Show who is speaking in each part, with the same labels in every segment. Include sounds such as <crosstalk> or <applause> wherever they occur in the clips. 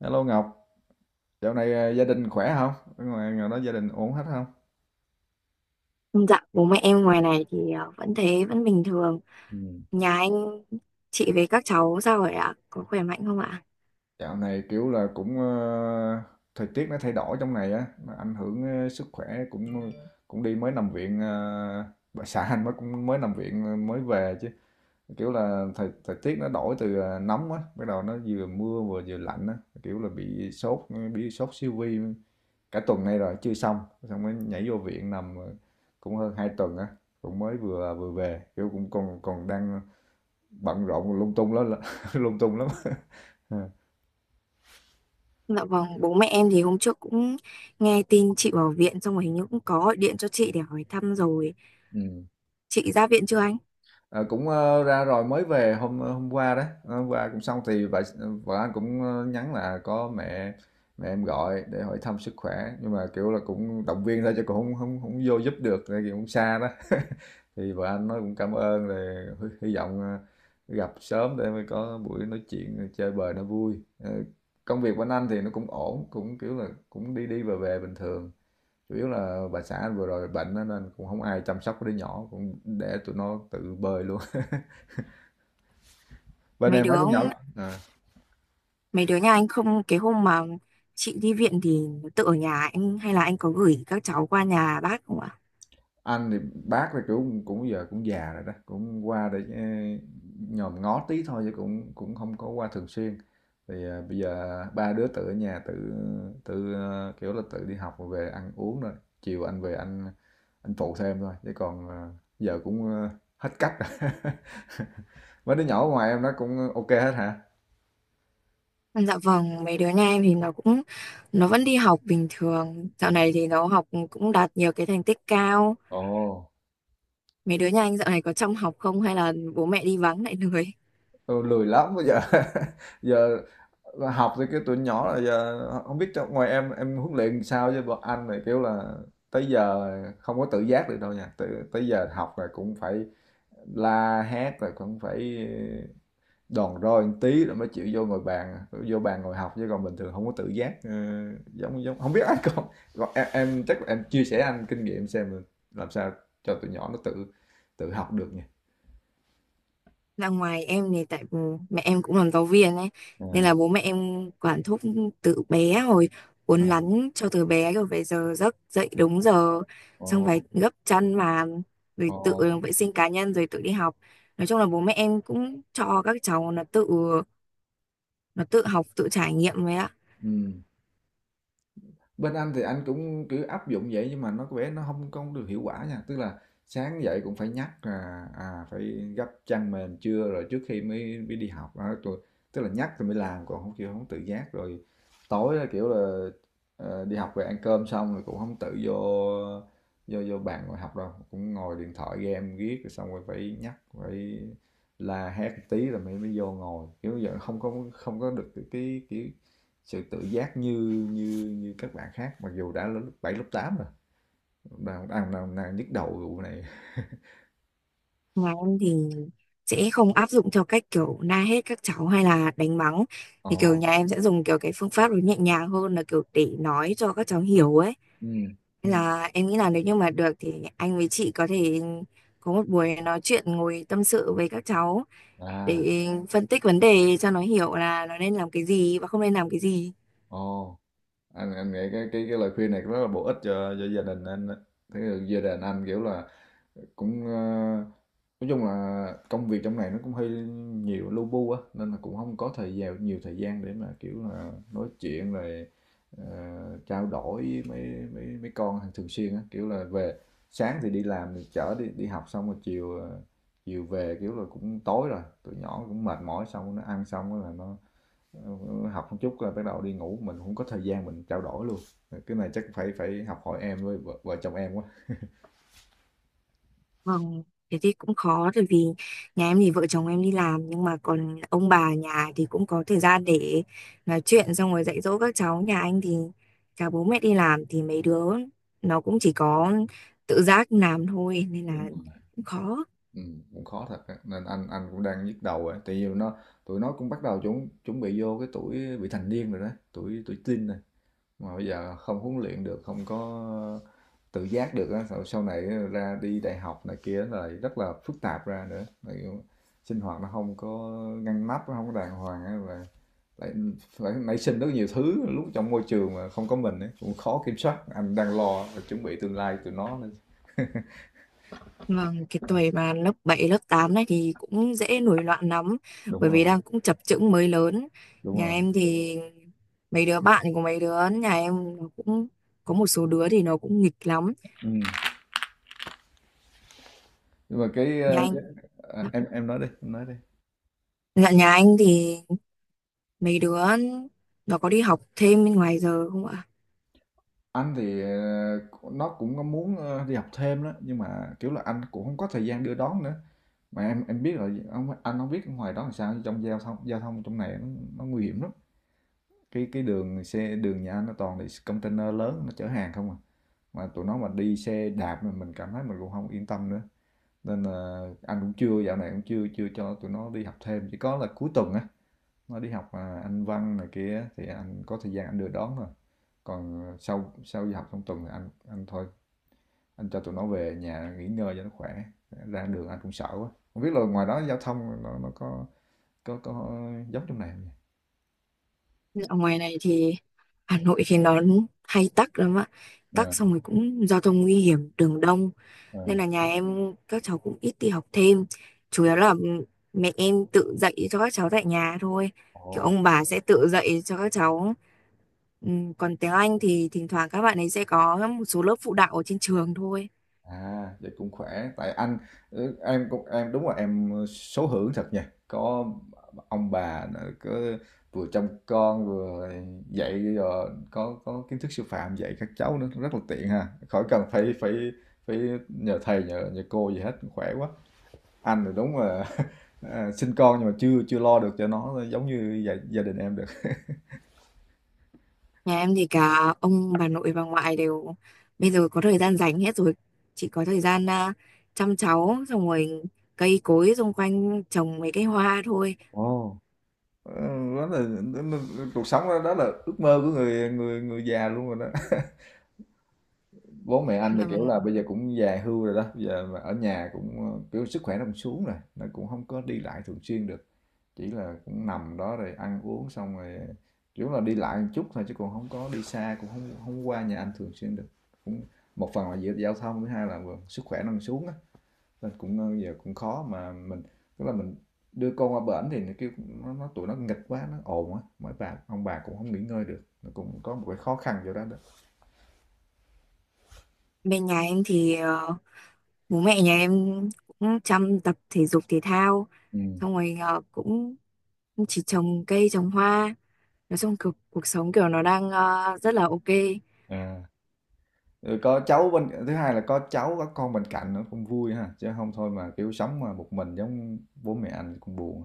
Speaker 1: Hello Ngọc, dạo này gia đình khỏe không? Ở ngoài ngoài đó gia đình ổn hết không?
Speaker 2: Dạ, bố mẹ em ngoài này thì vẫn thế, vẫn bình thường.
Speaker 1: Ừ.
Speaker 2: Nhà anh, chị với các cháu sao rồi ạ? Có khỏe mạnh không ạ?
Speaker 1: Dạo này kiểu là thời tiết nó thay đổi trong này á, nó ảnh hưởng sức khỏe cũng đi mới nằm viện bà xã anh mới cũng mới nằm viện mới về chứ kiểu là thời thời tiết nó đổi từ nóng á, bắt đầu nó vừa mưa vừa vừa lạnh á, kiểu là bị sốt siêu vi cả tuần nay rồi chưa xong, xong mới nhảy vô viện nằm cũng hơn 2 tuần á cũng mới vừa vừa về kiểu cũng còn còn đang bận rộn lung tung lắm <laughs> lung tung lắm <laughs>
Speaker 2: Dạ vâng, bố mẹ em thì hôm trước cũng nghe tin chị vào viện xong rồi hình như cũng có gọi điện cho chị để hỏi thăm rồi.
Speaker 1: ừ.
Speaker 2: Chị ra viện chưa anh?
Speaker 1: Ra rồi mới về hôm qua đó. Ờ, hôm qua cũng xong thì vợ vợ anh nhắn là có mẹ mẹ em gọi để hỏi thăm sức khỏe nhưng mà kiểu là cũng động viên thôi chứ cũng không không không vô giúp được tại vì cũng xa đó <laughs> thì vợ anh nói cũng cảm ơn rồi hy vọng gặp sớm để mới có buổi nói chuyện chơi bời nó vui. Ờ, công việc của anh thì nó cũng ổn cũng kiểu là cũng đi đi về về bình thường, chủ yếu là bà xã anh vừa rồi bệnh á, nên cũng không ai chăm sóc cái đứa nhỏ cũng để tụi nó tự bơi luôn <laughs> bên
Speaker 2: Mấy
Speaker 1: em mấy
Speaker 2: đứa,
Speaker 1: đứa nhỏ à.
Speaker 2: mấy đứa nhà anh, không, cái hôm mà chị đi viện thì nó tự ở nhà anh hay là anh có gửi các cháu qua nhà bác không ạ?
Speaker 1: Anh thì bác thì cũng cũng giờ cũng già rồi đó cũng qua để nhòm ngó tí thôi chứ cũng cũng không có qua thường xuyên thì bây giờ ba đứa tự ở nhà tự tự ờ, kiểu là tự đi học rồi về ăn uống rồi chiều anh về anh phụ thêm thôi chứ còn giờ hết cách rồi. <laughs> Mấy đứa nhỏ ngoài em nó cũng ok hết hả?
Speaker 2: Dạ vâng, mấy đứa nhà em thì nó vẫn đi học bình thường. Dạo này thì nó học cũng đạt nhiều cái thành tích cao.
Speaker 1: Ồ.
Speaker 2: Mấy đứa nhà anh dạo này có trong học không hay là bố mẹ đi vắng lại lười?
Speaker 1: Ừ, lười lắm bây giờ. <laughs> Giờ học thì cái tuổi nhỏ là giờ không biết trong ngoài em huấn luyện sao chứ bọn anh này kiểu là tới giờ không có tự giác được đâu nha, tới giờ học là cũng phải la hét rồi cũng phải đòn roi một tí rồi mới chịu vô bàn ngồi học chứ còn bình thường không có tự giác. Ờ, giống giống không biết anh <laughs> còn em chắc là em chia sẻ anh kinh nghiệm xem là làm sao cho tụi nhỏ nó tự tự học được nha.
Speaker 2: Ra ngoài em thì tại mẹ em cũng làm giáo viên ấy, nên
Speaker 1: À,
Speaker 2: là bố mẹ em quản thúc từ bé rồi,
Speaker 1: ừ.
Speaker 2: uốn nắn cho từ bé rồi về giờ giấc, dậy đúng giờ,
Speaker 1: Ồ.
Speaker 2: xong phải gấp chăn mà rồi
Speaker 1: Ồ.
Speaker 2: tự vệ sinh cá nhân rồi tự đi học. Nói chung là bố mẹ em cũng cho các cháu nó tự học, tự trải nghiệm ấy ạ.
Speaker 1: Ừ. Bên anh thì anh cũng cứ áp dụng vậy nhưng mà nó có vẻ nó không không được hiệu quả nha, tức là sáng dậy cũng phải nhắc là, à, phải gấp chăn mền trưa rồi trước khi mới mới đi học, đó, rồi tức là nhắc rồi mới làm, còn không kêu không tự giác. Rồi tối á, kiểu là, đi học về ăn cơm xong rồi cũng không tự vô vô vô bàn ngồi học đâu, cũng ngồi điện thoại game viết rồi xong rồi phải nhắc, phải la hét tí rồi mới mới vô ngồi, kiểu vậy, không có được cái kiểu, sự tự giác như như như các bạn khác mặc dù đã lớp 7 lớp 8 rồi, đang nhức đầu vụ này.
Speaker 2: Nhà em thì sẽ không áp dụng theo cách kiểu la hét các cháu hay là đánh mắng,
Speaker 1: Ồ.
Speaker 2: thì kiểu nhà em sẽ dùng kiểu cái phương pháp nó nhẹ nhàng hơn, là kiểu để nói cho các cháu hiểu ấy,
Speaker 1: Ừ.
Speaker 2: nên là em nghĩ là nếu như mà được thì anh với chị có thể có một buổi nói chuyện, ngồi tâm sự với các cháu
Speaker 1: À.
Speaker 2: để phân tích vấn đề cho nó hiểu là nó nên làm cái gì và không nên làm cái gì.
Speaker 1: Ồ. Anh nghĩ cái lời khuyên này rất là bổ ích cho gia đình anh á. Thế là gia đình anh kiểu là cũng ờ, nói chung là công việc trong này nó cũng hơi nhiều lu bu á nên là cũng không có thời gian nhiều thời gian để mà kiểu là nói chuyện rồi trao đổi với mấy mấy mấy con hàng thường xuyên á kiểu là về sáng thì đi làm thì chở đi đi học xong rồi chiều về kiểu là cũng tối rồi tụi nhỏ cũng mệt mỏi xong nó ăn xong rồi là nó học một chút rồi bắt đầu đi ngủ mình không có thời gian mình trao đổi luôn. Cái này chắc phải phải học hỏi em với vợ chồng em quá.
Speaker 2: Vâng, thế thì cũng khó, bởi vì nhà em thì vợ chồng em đi làm nhưng mà còn ông bà nhà thì cũng có thời gian để nói chuyện xong rồi dạy dỗ các cháu. Nhà anh thì cả bố mẹ đi làm thì mấy đứa nó cũng chỉ có tự giác làm thôi, nên là cũng khó.
Speaker 1: Cũng khó thật á, nên anh cũng đang nhức đầu ấy. Tại vì nó tụi nó cũng bắt đầu chuẩn chuẩn bị vô cái tuổi bị thành niên rồi đó, tuổi tuổi teen rồi. Mà bây giờ không huấn luyện được, không có tự giác được á, sau sau này ra đi đại học này kia là rất là phức tạp ra nữa. Tại vì sinh hoạt nó không có ngăn nắp, nó không có đàng hoàng á và lại phải nảy sinh rất nhiều thứ lúc trong môi trường mà không có mình ấy, cũng khó kiểm soát. Anh đang lo chuẩn bị tương lai tụi nó nữa.
Speaker 2: Vâng, cái tuổi mà lớp 7 lớp 8 này thì cũng dễ nổi loạn lắm,
Speaker 1: Đúng
Speaker 2: bởi
Speaker 1: rồi,
Speaker 2: vì đang cũng chập chững mới lớn.
Speaker 1: đúng
Speaker 2: Nhà
Speaker 1: rồi.
Speaker 2: em thì mấy đứa bạn của mấy đứa nhà em nó cũng có một số đứa thì nó cũng nghịch lắm.
Speaker 1: Ừ. Nhưng mà
Speaker 2: Nhà anh
Speaker 1: cái à, nói đi em nói đi.
Speaker 2: Dạ, nhà anh thì mấy đứa nó có đi học thêm bên ngoài giờ không ạ?
Speaker 1: Anh thì nó cũng có muốn đi học thêm đó nhưng mà kiểu là anh cũng không có thời gian đưa đón nữa mà em biết rồi ông, anh không biết ở ngoài đó làm sao, trong giao thông trong này nó nguy hiểm lắm, cái đường xe đường nhà anh nó toàn là container lớn nó chở hàng không à, mà tụi nó mà đi xe đạp mà mình cảm thấy mình cũng không yên tâm nữa, nên là anh cũng chưa, dạo này cũng chưa chưa cho tụi nó đi học thêm chỉ có là cuối tuần á nó đi học, à, Anh văn này kia thì anh có thời gian anh đưa đón rồi. Còn à, sau sau đi học trong tuần thì anh thôi, anh cho tụi nó về nhà nghỉ ngơi cho nó khỏe, ra đường anh cũng sợ quá. Hông biết là ngoài đó giao thông nó có giống trong này không nhỉ?
Speaker 2: Ở ngoài này thì Hà Nội thì nó hay tắc lắm ạ.
Speaker 1: Ờ,
Speaker 2: Tắc xong rồi cũng giao thông nguy hiểm, đường đông.
Speaker 1: ờ,
Speaker 2: Nên là nhà em các cháu cũng ít đi học thêm. Chủ yếu là mẹ em tự dạy cho các cháu tại nhà thôi. Kiểu
Speaker 1: ồ.
Speaker 2: ông bà sẽ tự dạy cho các cháu. Còn tiếng Anh thì thỉnh thoảng các bạn ấy sẽ có một số lớp phụ đạo ở trên trường thôi.
Speaker 1: À, vậy cũng khỏe, tại anh, em cũng em đúng là em số hưởng thật nha. Có ông bà nữa, cứ vừa trông con vừa dạy rồi có kiến thức sư phạm dạy các cháu nữa rất là tiện ha. Khỏi cần phải phải phải nhờ thầy nhờ nhờ cô gì hết, khỏe quá. Anh thì đúng là <laughs> à, sinh con nhưng mà chưa chưa lo được cho nó giống như gia đình em được.
Speaker 2: Nhà em thì cả ông, bà nội, bà ngoại đều bây giờ có thời gian rảnh hết rồi. Chỉ có thời gian, à, chăm cháu, xong rồi cây cối xung quanh trồng mấy cái hoa thôi.
Speaker 1: Ồ. Ừ, đó là đó là- cuộc sống đó, đó là ước mơ của người người người già luôn rồi đó. Bố mẹ anh thì
Speaker 2: Dạ
Speaker 1: kiểu là
Speaker 2: vâng.
Speaker 1: bây giờ cũng già hưu rồi đó, bây giờ mà ở nhà kiểu sức khỏe nó cũng xuống rồi, nó cũng không có đi lại thường xuyên được, chỉ là cũng nằm đó rồi ăn uống xong rồi kiểu là đi lại một chút thôi chứ còn không có đi xa, cũng không không qua nhà anh thường xuyên được, cũng một phần là giữa giao thông, thứ hai là vừa sức khỏe nó còn xuống á, nên giờ cũng khó mà mình, tức là mình đưa con qua bển thì nó kêu nó tụi nó nghịch quá nó ồn á mấy bà ông bà cũng không nghỉ ngơi được, nó cũng có một cái khó khăn vô đó đó.
Speaker 2: Bên nhà em thì bố mẹ nhà em cũng chăm tập thể dục thể thao,
Speaker 1: Ừ.
Speaker 2: xong rồi cũng chỉ trồng cây, trồng hoa. Nói chung cuộc sống kiểu nó đang rất là ok.
Speaker 1: À. Ừ, có cháu bên thứ hai là có cháu có con bên cạnh nó cũng vui ha chứ không thôi mà kiểu sống mà một mình giống bố mẹ anh cũng buồn,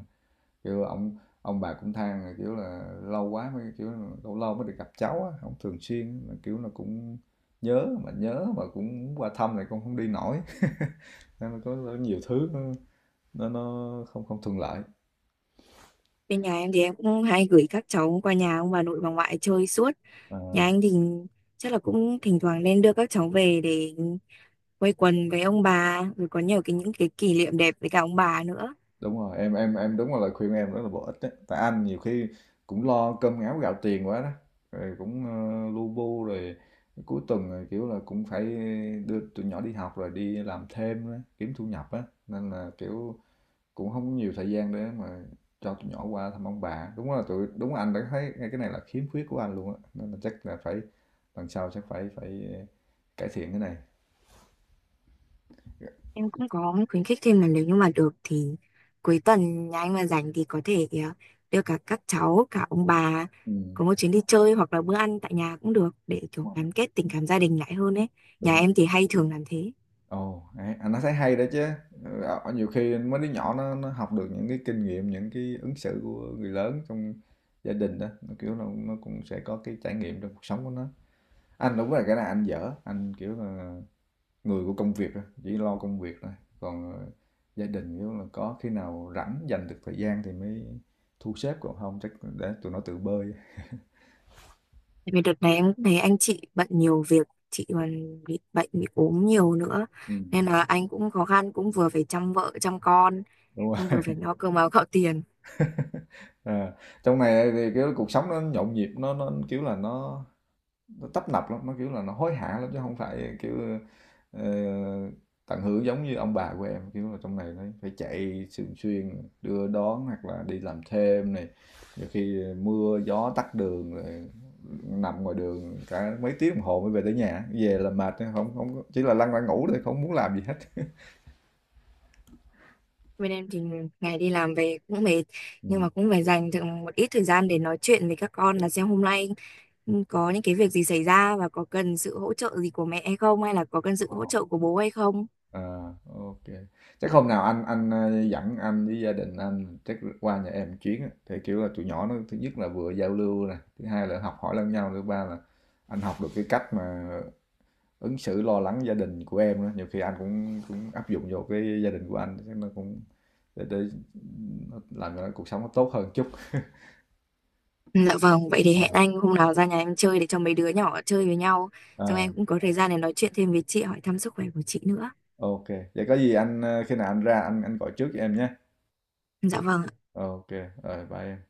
Speaker 1: kiểu ông bà cũng than là kiểu là lâu quá mới kiểu lâu lâu mới được gặp cháu á không thường xuyên mà kiểu là cũng nhớ, mà nhớ mà cũng qua thăm này cũng không đi nổi. <laughs> Nên là có nhiều thứ nó nó không không thuận lợi.
Speaker 2: Bên nhà em thì em cũng hay gửi các cháu qua nhà ông bà nội, bà ngoại chơi suốt.
Speaker 1: Ờ.
Speaker 2: Nhà anh thì chắc là cũng thỉnh thoảng nên đưa các cháu về để quây quần với ông bà, rồi có nhiều cái, những cái kỷ niệm đẹp với cả ông bà nữa.
Speaker 1: Đúng rồi, em đúng là lời khuyên em rất là bổ ích đấy. Tại anh nhiều khi cũng lo cơm áo gạo tiền quá đó. Rồi lu bu rồi cuối tuần rồi kiểu là cũng phải đưa tụi nhỏ đi học rồi đi làm thêm đó, kiếm thu nhập á nên là kiểu cũng không có nhiều thời gian để mà cho tụi nhỏ qua thăm ông bà. Đúng là tụi đúng là anh đã thấy ngay cái này là khiếm khuyết của anh luôn á. Nên là chắc là phải lần sau chắc phải phải cải thiện cái này.
Speaker 2: Em cũng có khuyến khích thêm là nếu như mà được thì cuối tuần nhà anh mà rảnh thì có thể đưa cả các cháu, cả ông bà
Speaker 1: Ừ,
Speaker 2: có một chuyến đi chơi hoặc là bữa ăn tại nhà cũng được, để kiểu
Speaker 1: đúng rồi.
Speaker 2: gắn kết tình cảm gia đình lại hơn ấy. Nhà
Speaker 1: Đúng.
Speaker 2: em thì hay thường làm thế.
Speaker 1: Ồ, hay, à, nó thấy hay đó chứ. Ờ, ờ, nhiều khi mấy đứa nhỏ nó học được những cái kinh nghiệm, những cái ứng xử của người lớn trong gia đình đó, nó kiểu là nó cũng sẽ có cái trải nghiệm trong cuộc sống của nó. Anh đúng là cái này anh dở, anh kiểu là người của công việc thôi, chỉ lo công việc thôi. Còn gia đình kiểu là có khi nào rảnh dành được thời gian thì mới thu xếp còn không chắc để tụi nó tự bơi.
Speaker 2: Tại vì đợt này em cũng thấy anh chị bận nhiều việc, chị còn bị bệnh, bị ốm nhiều nữa.
Speaker 1: Ừ,
Speaker 2: Nên là anh cũng khó khăn, cũng vừa phải chăm vợ, chăm con,
Speaker 1: đúng
Speaker 2: xong
Speaker 1: rồi.
Speaker 2: vừa phải lo cơm áo gạo tiền.
Speaker 1: À, trong này thì kiểu cuộc sống nó nhộn nhịp, nó kiểu là nó tấp nập lắm, nó, kiểu là, nó hối hả lắm chứ không phải, kiểu, ờ, tận hưởng giống như ông bà của em. Kiểu là, trong này nó phải chạy thường xuyên, đưa đón hoặc là đi làm thêm này, nhiều khi mưa gió tắc đường rồi nằm ngoài đường cả mấy tiếng đồng hồ mới về tới nhà, về là mệt, không không chỉ là lăn ra ngủ thôi, không muốn làm gì hết.
Speaker 2: Bên em thì ngày đi làm về cũng mệt, nhưng
Speaker 1: Ừm,
Speaker 2: mà cũng phải dành được một ít thời gian để nói chuyện với các con là xem hôm nay có những cái việc gì xảy ra và có cần sự hỗ trợ gì của mẹ hay không, hay là có cần
Speaker 1: ờ.
Speaker 2: sự hỗ trợ của bố hay không.
Speaker 1: À, OK. Chắc hôm nào anh dẫn anh với gia đình anh chắc qua nhà em chuyến á, thì, kiểu là, tụi nhỏ nó thứ nhất là vừa giao lưu nè, thứ hai là học hỏi lẫn nhau, thứ ba là anh học được cái cách mà ứng xử lo lắng gia đình của em á, nhiều khi anh cũng cũng áp dụng vô cái gia đình của anh, chắc nó cũng để nó làm cho nó cuộc sống nó tốt hơn chút.
Speaker 2: Ừ, dạ vâng, vậy thì hẹn anh hôm nào ra nhà em chơi để cho mấy đứa nhỏ chơi với nhau. Xong
Speaker 1: Ờ,
Speaker 2: em cũng có thời gian để nói chuyện thêm với chị, hỏi thăm sức khỏe của chị nữa.
Speaker 1: OK. Vậy có gì khi nào anh ra anh gọi trước cho em nhé.
Speaker 2: Dạ vâng.
Speaker 1: OK, rồi bye em.